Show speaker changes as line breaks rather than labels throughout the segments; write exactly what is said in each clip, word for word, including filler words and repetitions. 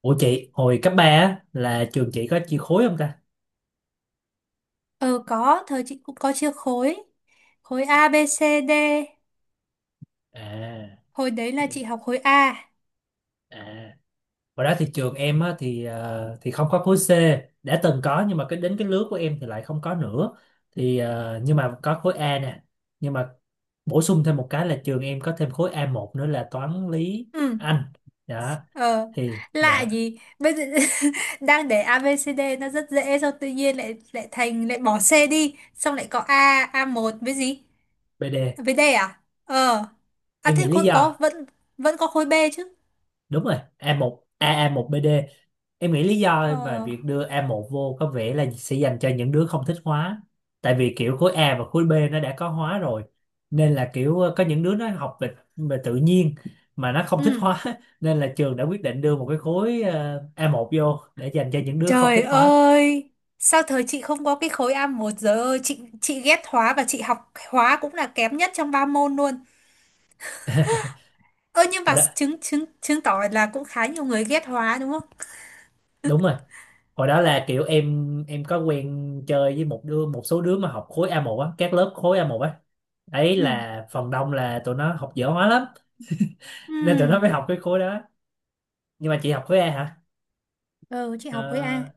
Ủa chị, hồi cấp ba á, là trường chị có chia khối không ta?
Ờ có, thời chị cũng có chia khối. Khối A, B, C, D.
À,
Hồi đấy là chị học khối A.
à. Hồi đó thì trường em á, thì ờ, thì không có khối C, đã từng có nhưng mà cái đến cái lứa của em thì lại không có nữa. Thì ờ, nhưng mà có khối A nè. Nhưng mà bổ sung thêm một cái là trường em có thêm khối a một nữa là toán lý
Ừ,
Anh. Đó,
ờ,
thì
lạ
dạ
gì? Bây giờ đang để A, B, C, D nó rất dễ xong tự nhiên lại lại thành lại bỏ C đi, xong lại có A, a một với gì?
bê đê.
Với D à? Ờ. À
Em
thế
nghĩ lý
khối có
do
vẫn vẫn có khối B chứ.
đúng rồi a 1 một a a một bê đê, em nghĩ lý do mà
Ờ.
việc đưa a một vô có vẻ là sẽ dành cho những đứa không thích hóa, tại vì kiểu khối A và khối B nó đã có hóa rồi, nên là kiểu ờ, có những đứa nó học về, về tự nhiên mà nó không thích
Ừ.
hóa nên là trường đã quyết định đưa một cái khối ờ, a một vô để dành cho những đứa không
Trời
thích hóa.
ơi, sao thời chị không có cái khối a một giờ ơi, chị chị ghét hóa và chị học hóa cũng là kém nhất trong ba môn luôn. Ơ nhưng
Hồi
mà
đó
chứng chứng chứng tỏ là cũng khá nhiều người ghét hóa đúng không?
đúng rồi, hồi đó là kiểu em em có quen chơi với một đứa một số đứa mà học khối a một á, các lớp khối a một á, ấy
Ừ.
là phần đông là tụi nó học dở hóa lắm, nên tụi
Ừ.
nó mới học cái khối đó. Nhưng mà chị học khối A hả?
Ừ, chị học khối A.
Ờ,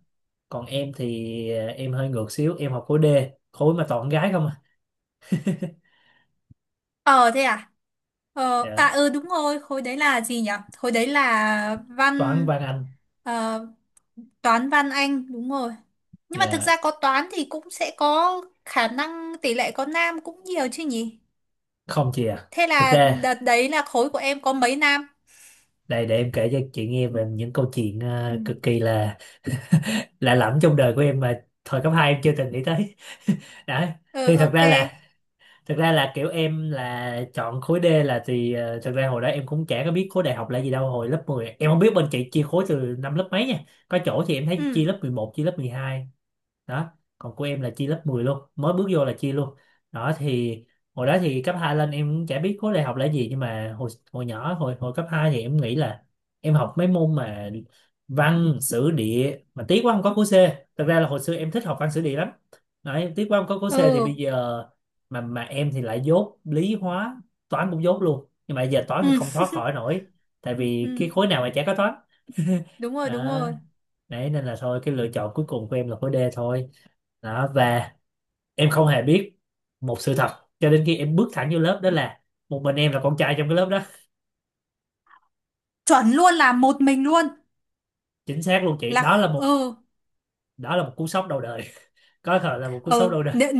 còn em thì ờ, em hơi ngược xíu, em học khối D, khối mà toàn gái không à.
Ờ thế à? Ờ à
Dạ.
ừ đúng rồi, khối đấy là gì nhỉ? Khối đấy là văn,
Toán văn anh.
ờ, toán văn Anh đúng rồi. Nhưng mà thực ra
Dạ,
có toán thì cũng sẽ có khả năng tỷ lệ có nam cũng nhiều chứ nhỉ?
không chị à,
Thế
thực
là
ra
đợt đấy là khối của em có mấy nam?
đây để em kể cho chị nghe về những câu chuyện
Ừ.
ờ, cực kỳ là lạ lẫm trong đời của em mà thời cấp hai em chưa từng nghĩ tới đấy.
Ừ,
Thì thật
ok.
ra là thật ra là kiểu em là chọn khối D là thì ờ, thật ra hồi đó em cũng chả có biết khối đại học là gì đâu, hồi lớp mười em không biết bên chị chia khối từ năm lớp mấy nha, có chỗ thì em thấy
Ừ.
chia lớp mười một, chia lớp mười hai đó, còn của em là chia lớp mười luôn, mới bước vô là chia luôn đó. Thì hồi đó thì cấp hai lên em cũng chả biết khối đại học là gì, nhưng mà hồi hồi nhỏ hồi hồi cấp hai thì em nghĩ là em học mấy môn mà văn sử địa, mà tiếc quá không có khối C, thật ra là hồi xưa em thích học văn sử địa lắm đấy, tiếc quá không có khối C. Thì bây
Ừ.
giờ mà mà em thì lại dốt lý hóa, toán cũng dốt luôn, nhưng mà giờ toán thì
Ừ.
không thoát khỏi nổi tại
Ừ.
vì
Ừ.
cái khối nào mà chả có toán
Đúng rồi, đúng
đó.
rồi.
Đấy nên là thôi, cái lựa chọn cuối cùng của em là khối D thôi đó. Và em không hề biết một sự thật cho đến khi em bước thẳng vô lớp đó là một mình em là con trai trong cái lớp đó.
Chuẩn luôn là một mình luôn.
Chính xác luôn chị,
Là
đó là
kh-
một,
ừ.
đó là một cú sốc đầu đời, có thể là một cú sốc
Ừ,
đầu đời.
nếu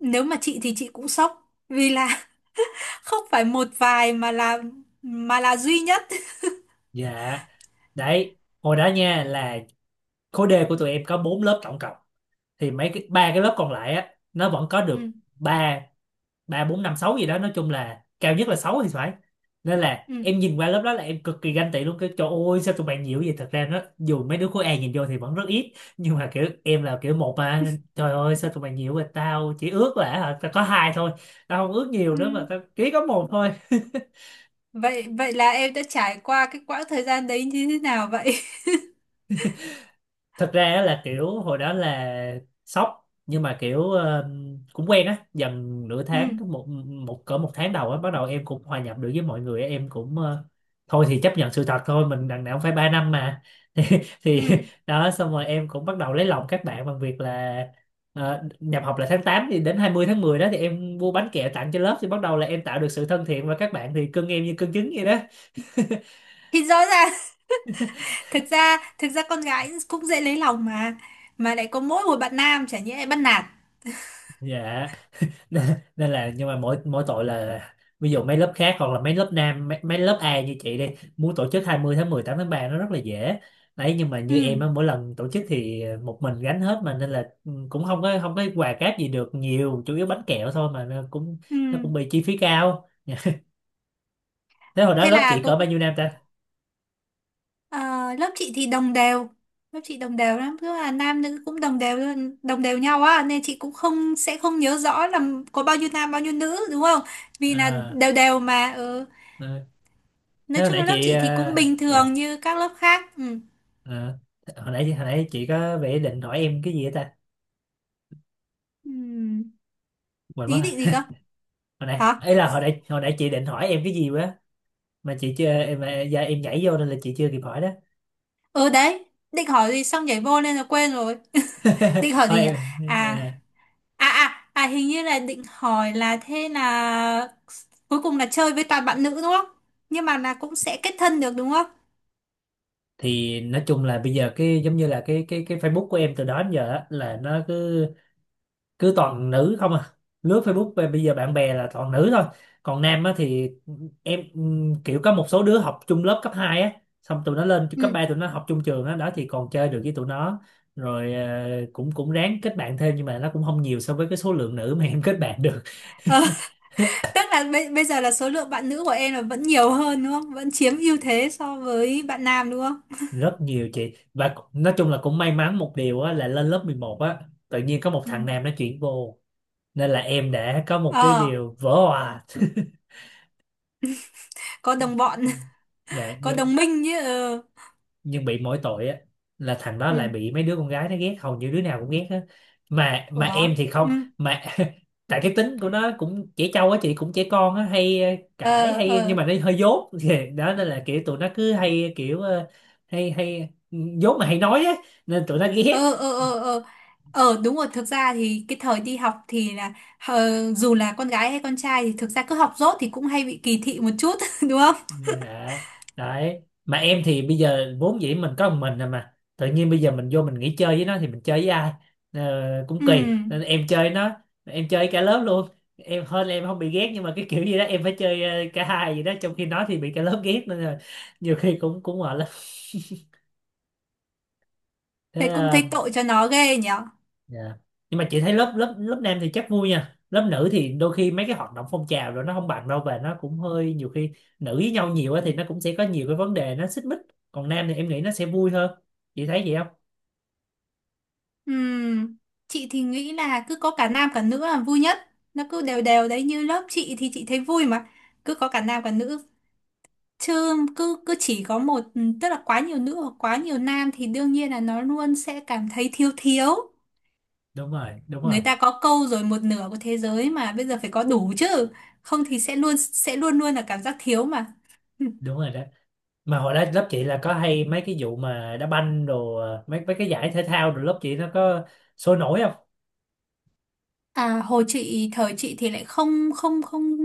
nếu mà chị thì chị cũng sốc vì là không phải một vài mà là mà là duy nhất.
Dạ, đấy, hồi đó nha, là khối D của tụi em có bốn lớp tổng cộng, thì mấy cái ba cái lớp còn lại á nó vẫn có được
Ừ,
ba, ba bốn năm sáu gì đó, nói chung là cao nhất là sáu thì phải, nên là
ừ.
em nhìn qua lớp đó là em cực kỳ ganh tị luôn, cái trời ơi sao tụi bạn nhiều vậy. Thật ra nó dù mấy đứa khối A nhìn vô thì vẫn rất ít, nhưng mà kiểu em là kiểu một mà, nên trời ơi sao tụi bạn nhiều vậy, tao chỉ ước là hả, tao có hai thôi, tao không ước nhiều
ừ.
nữa mà tao chỉ có một thôi.
vậy vậy là em đã trải qua cái quãng thời gian đấy như thế nào vậy?
Thật ra á là kiểu hồi đó là sốc nhưng mà kiểu ờ, cũng quen á dần nửa
Ừ,
tháng, một một cỡ một tháng đầu á bắt đầu em cũng hòa nhập được với mọi người á, em cũng ờ, thôi thì chấp nhận sự thật thôi, mình đằng nào cũng phải ba năm mà thì, thì
ừ.
đó, xong rồi em cũng bắt đầu lấy lòng các bạn bằng việc là ờ, nhập học là tháng tám thì đến hai mươi tháng mười đó thì em mua bánh kẹo tặng cho lớp, thì bắt đầu là em tạo được sự thân thiện và các bạn thì cưng em như cưng trứng vậy đó.
Thì rõ ràng thực ra thực ra con gái cũng dễ lấy lòng mà mà lại có mỗi một bạn nam chả nhẽ lại bắt nạt.
Dạ, nên nên là nhưng mà mỗi mỗi tội là ví dụ mấy lớp khác hoặc là mấy lớp nam mấy, mấy lớp A như chị đi, muốn tổ chức hai mươi tháng mười, tám tháng ba nó rất là dễ đấy, nhưng mà như
Ừ,
em á mỗi lần tổ chức thì một mình gánh hết mà, nên là ừ, cũng không có, không có quà cáp gì được nhiều, chủ yếu bánh kẹo thôi, mà nó cũng
ừ.
nó cũng bị chi phí cao. Thế hồi đó
Thế
lớp
là
chị
cô.
cỡ bao nhiêu nam ta?
Ờ, lớp chị thì đồng đều, lớp chị đồng đều lắm tức là nam nữ cũng đồng đều luôn, đồng đều nhau á nên chị cũng không, sẽ không nhớ rõ là có bao nhiêu nam bao nhiêu nữ đúng không, vì là
À,
đều đều mà, ừ.
ừ. Thế
Nói
hồi
chung
nãy
là lớp
chị
chị thì cũng
à,
bình
dạ,
thường như các lớp khác, ừ.
ờ, hồi nãy hồi nãy chị có vẻ định hỏi em cái gì á ta,
Ừ.
quên mất
Ý định gì
rồi.
cơ?
Hồi nãy
Hả?
ấy, là hồi nãy hồi nãy chị định hỏi em cái gì quá mà chị chưa em mà- dạ, em nhảy vô nên là chị chưa kịp hỏi đó.
Ừ đấy, định hỏi gì xong nhảy vô nên là quên rồi. Định hỏi
Thôi
gì nhỉ?
em,
À.
à,
À à à, hình như là định hỏi là thế là cuối cùng là chơi với toàn bạn nữ đúng không, nhưng mà là cũng sẽ kết thân được đúng không?
thì nói chung là bây giờ cái giống như là cái cái cái Facebook của em từ đó đến giờ á, là nó cứ cứ toàn nữ không à, lướt Facebook về bây giờ bạn bè là toàn nữ thôi, còn nam á thì em ừm, kiểu có một số đứa học chung lớp cấp hai á, xong tụi nó lên cấp
Ừ.
ba tụi nó học chung trường á đó thì còn chơi được với tụi nó, rồi ờ, cũng cũng ráng kết bạn thêm, nhưng mà nó cũng không nhiều so với cái số lượng nữ mà em kết bạn được.
Ờ, tức là bây, bây giờ là số lượng bạn nữ của em là vẫn nhiều hơn đúng không? Vẫn chiếm ưu thế so với bạn nam đúng không?
Rất nhiều chị, và nói chung là cũng may mắn một điều á, là lên lớp mười một á tự nhiên có một
Ừ.
thằng nam nó chuyển vô, nên là em đã có một cái
Ờ,
điều vỡ òa.
có đồng bọn.
Dạ
Có
nhưng
đồng minh chứ. Ờ,
nhưng bị mỗi tội á là thằng đó lại
ừ.
bị mấy đứa con gái nó ghét, hầu như đứa nào cũng ghét á, mà mà em
Ủa?
thì không,
Ừ.
mà tại cái tính của nó cũng trẻ trâu á chị, cũng trẻ con á, hay ờ, cãi
Ờ,
hay, nhưng
ờ,
mà nó hơi dốt. Thì đó, nên là kiểu tụi nó cứ hay kiểu ờ, hay hay ừ, dốt mà hay nói á nên tụi nó ghét.
ờ, ờ, ờ, ờ. Ờ, đúng rồi, thực ra thì cái thời đi học thì là, ờ, dù là con gái hay con trai thì thực ra cứ học dốt thì cũng hay bị kỳ thị một chút đúng không?
Dạ, đấy. Mà em thì bây giờ vốn dĩ mình có một mình rồi mà, tự nhiên bây giờ mình vô mình nghỉ chơi với nó thì mình chơi với ai? Ờ, cũng
Ừ.
kỳ. Nên em chơi nó, em chơi cả lớp luôn. Em hơn là em không bị ghét, nhưng mà cái kiểu gì đó em phải chơi ờ, cả hai gì đó, trong khi nó thì bị cả lớp ghét, nên là nhiều khi cũng cũng mệt lắm. Thế
Thế cũng
ờ,
thấy tội cho nó ghê nhở.
dạ. Nhưng mà chị thấy lớp lớp lớp nam thì chắc vui nha, lớp nữ thì đôi khi mấy cái hoạt động phong trào rồi nó không bằng đâu, và nó cũng hơi nhiều khi nữ với nhau nhiều á thì nó cũng sẽ có nhiều cái vấn đề nó xích mích. Còn nam thì em nghĩ nó sẽ vui hơn. Chị thấy vậy không?
Ừm, Chị thì nghĩ là cứ có cả nam cả nữ là vui nhất. Nó cứ đều đều đấy như lớp chị thì chị thấy vui mà. Cứ có cả nam cả nữ. Chứ cứ cứ chỉ có một, tức là quá nhiều nữ hoặc quá nhiều nam thì đương nhiên là nó luôn sẽ cảm thấy thiếu thiếu.
Đúng rồi, đúng
Người
rồi,
ta có câu rồi, một nửa của thế giới mà bây giờ phải có đủ chứ. Không thì sẽ luôn sẽ luôn luôn là cảm giác thiếu mà.
đúng rồi đó. Mà hồi đó lớp chị là có hay mấy cái vụ mà đá banh đồ, mấy mấy cái giải thể thao rồi lớp chị nó có sôi nổi không?
À, hồi chị thời chị thì lại không không không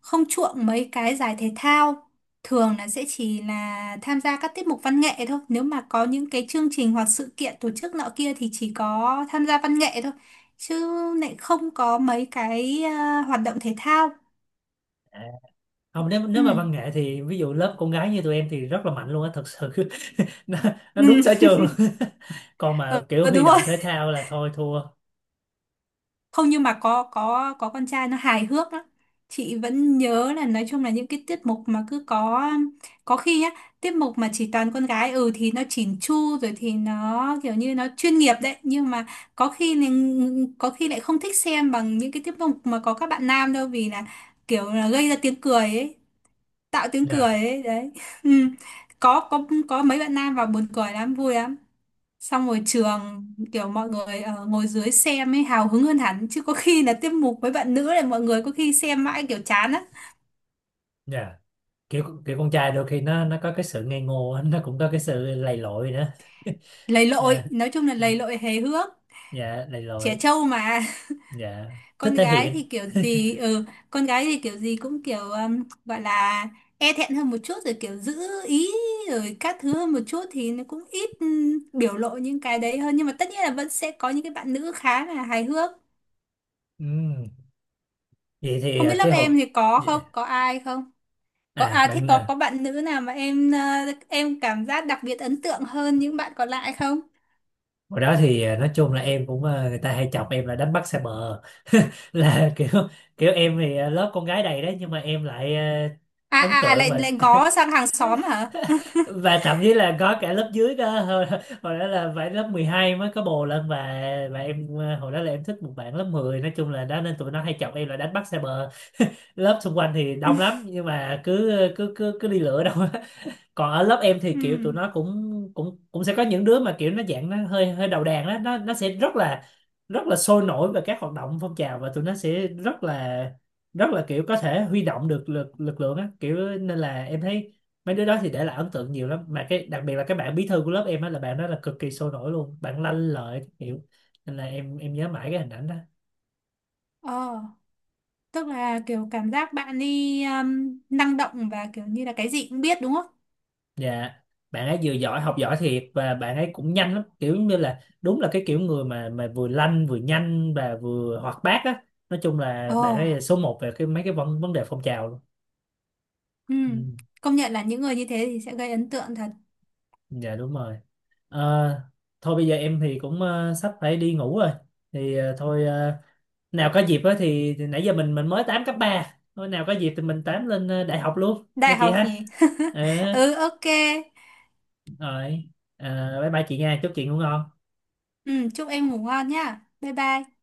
không chuộng mấy cái giải thể thao, thường là sẽ chỉ là tham gia các tiết mục văn nghệ thôi, nếu mà có những cái chương trình hoặc sự kiện tổ chức nọ kia thì chỉ có tham gia văn nghệ thôi, chứ lại không có mấy cái, à, hoạt động thể thao,
Không, nếu nếu mà
ừ.
văn nghệ thì ví dụ lớp con gái như tụi em thì rất là mạnh luôn á thật sự. nó, nó đúng
Ừ.
sở trường luôn. Còn
Ờ,
mà kiểu huy
đúng rồi,
động thể thao là thôi thua.
không nhưng mà có có có con trai nó hài hước lắm, chị vẫn nhớ là nói chung là những cái tiết mục mà cứ có có khi á, tiết mục mà chỉ toàn con gái, ừ, thì nó chỉn chu rồi thì nó kiểu như nó chuyên nghiệp đấy, nhưng mà có khi là- có khi lại không thích xem bằng những cái tiết mục mà có các bạn nam đâu, vì là kiểu là gây ra tiếng cười ấy, tạo tiếng cười
Dạ,
ấy đấy. Ừ. có có có mấy bạn nam vào buồn cười lắm vui lắm, xong rồi trường, kiểu mọi người ờ, ngồi dưới xem ấy hào hứng hơn hẳn, chứ có khi là tiết mục với bạn nữ là mọi người có khi xem mãi kiểu chán á.
dạ, kiểu kiểu con trai đôi khi nó nó có cái sự ngây ngô á, nó cũng có cái sự lầy lội nữa.
Lầy lội,
Dạ,
nói chung là
dạ,
lầy lội hề hước,
dạ, lầy
trẻ
lội.
trâu mà.
Dạ, thích
Con
thể
gái thì
hiện.
kiểu gì, ừ, con gái thì kiểu gì cũng kiểu, um, gọi là e thẹn hơn một chút rồi kiểu giữ ý rồi các thứ hơn một chút thì nó cũng ít, um, biểu lộ những cái đấy hơn, nhưng mà tất nhiên là vẫn sẽ có những cái bạn nữ khá là hài hước.
Ừm. Vậy thì
Không biết
à,
lớp
cái
em
hộp,
thì có không,
dạ,
có ai không? Có
à
à, thế
bạn
có
à,
có bạn nữ nào mà em ờ, em cảm giác đặc biệt ấn tượng hơn những bạn còn lại không?
hồi đó thì à, nói chung là em cũng à, người ta hay chọc em là đánh bắt xa bờ, là kiểu, kiểu em thì à, lớp con gái đầy đấy nhưng mà em lại à,
À
ấn
à à,
tượng
lại
và
lại ngó sang hàng xóm hả?
và thậm chí là có cả lớp dưới cơ, hồi, hồi đó là phải lớp mười hai mới có bồ lên, và và em à, hồi đó là em thích một bạn lớp mười nói chung là đó, nên tụi nó hay chọc em là đánh bắt xa bờ, lớp xung quanh thì đông lắm nhưng mà cứ cứ cứ cứ đi lựa đâu. Còn ở lớp em thì
Ừ.
kiểu tụi nó cũng cũng cũng sẽ có những đứa mà kiểu nó dạng nó hơi hơi đầu đàn đó, nó nó sẽ rất là rất là sôi nổi về các hoạt động phong trào, và tụi nó sẽ rất là rất là kiểu có thể huy động được lực lực lượng á kiểu, nên là em thấy mấy đứa đó thì để lại ấn tượng nhiều lắm, mà cái đặc biệt là cái bạn bí thư của lớp em á, là bạn đó là cực kỳ sôi nổi luôn, bạn lanh lợi kiểu, nên là em em nhớ mãi cái hình ảnh đó.
Ờ, tức là kiểu cảm giác bạn đi, um, năng động và kiểu như là cái gì cũng biết đúng không?
Dạ, bạn ấy vừa giỏi, học giỏi thiệt, và bạn ấy cũng nhanh lắm, kiểu như là đúng là cái kiểu người mà mà vừa lanh vừa nhanh và vừa hoạt bát á. Nói chung là
Ồ.
bạn ấy là số một về cái mấy cái vấn vấn đề phong trào luôn.
Ừ.
Ừ,
Công nhận là những người như thế thì sẽ gây ấn tượng thật.
dạ đúng rồi. Ờ, thôi bây giờ em thì cũng ờ, sắp phải đi ngủ rồi. Thì ờ, thôi ờ, nào có dịp á thì, thì nãy giờ mình mình mới tám cấp ba, thôi nào có dịp thì mình tám lên ờ, đại học luôn nha
Đại
chị
học
ha.
nhỉ?
Ừ,
Ừ, ok.
rồi. Ờ, bye bye chị nha, chúc chị ngủ ngon.
Ừ, chúc em ngủ ngon nhá. Bye bye.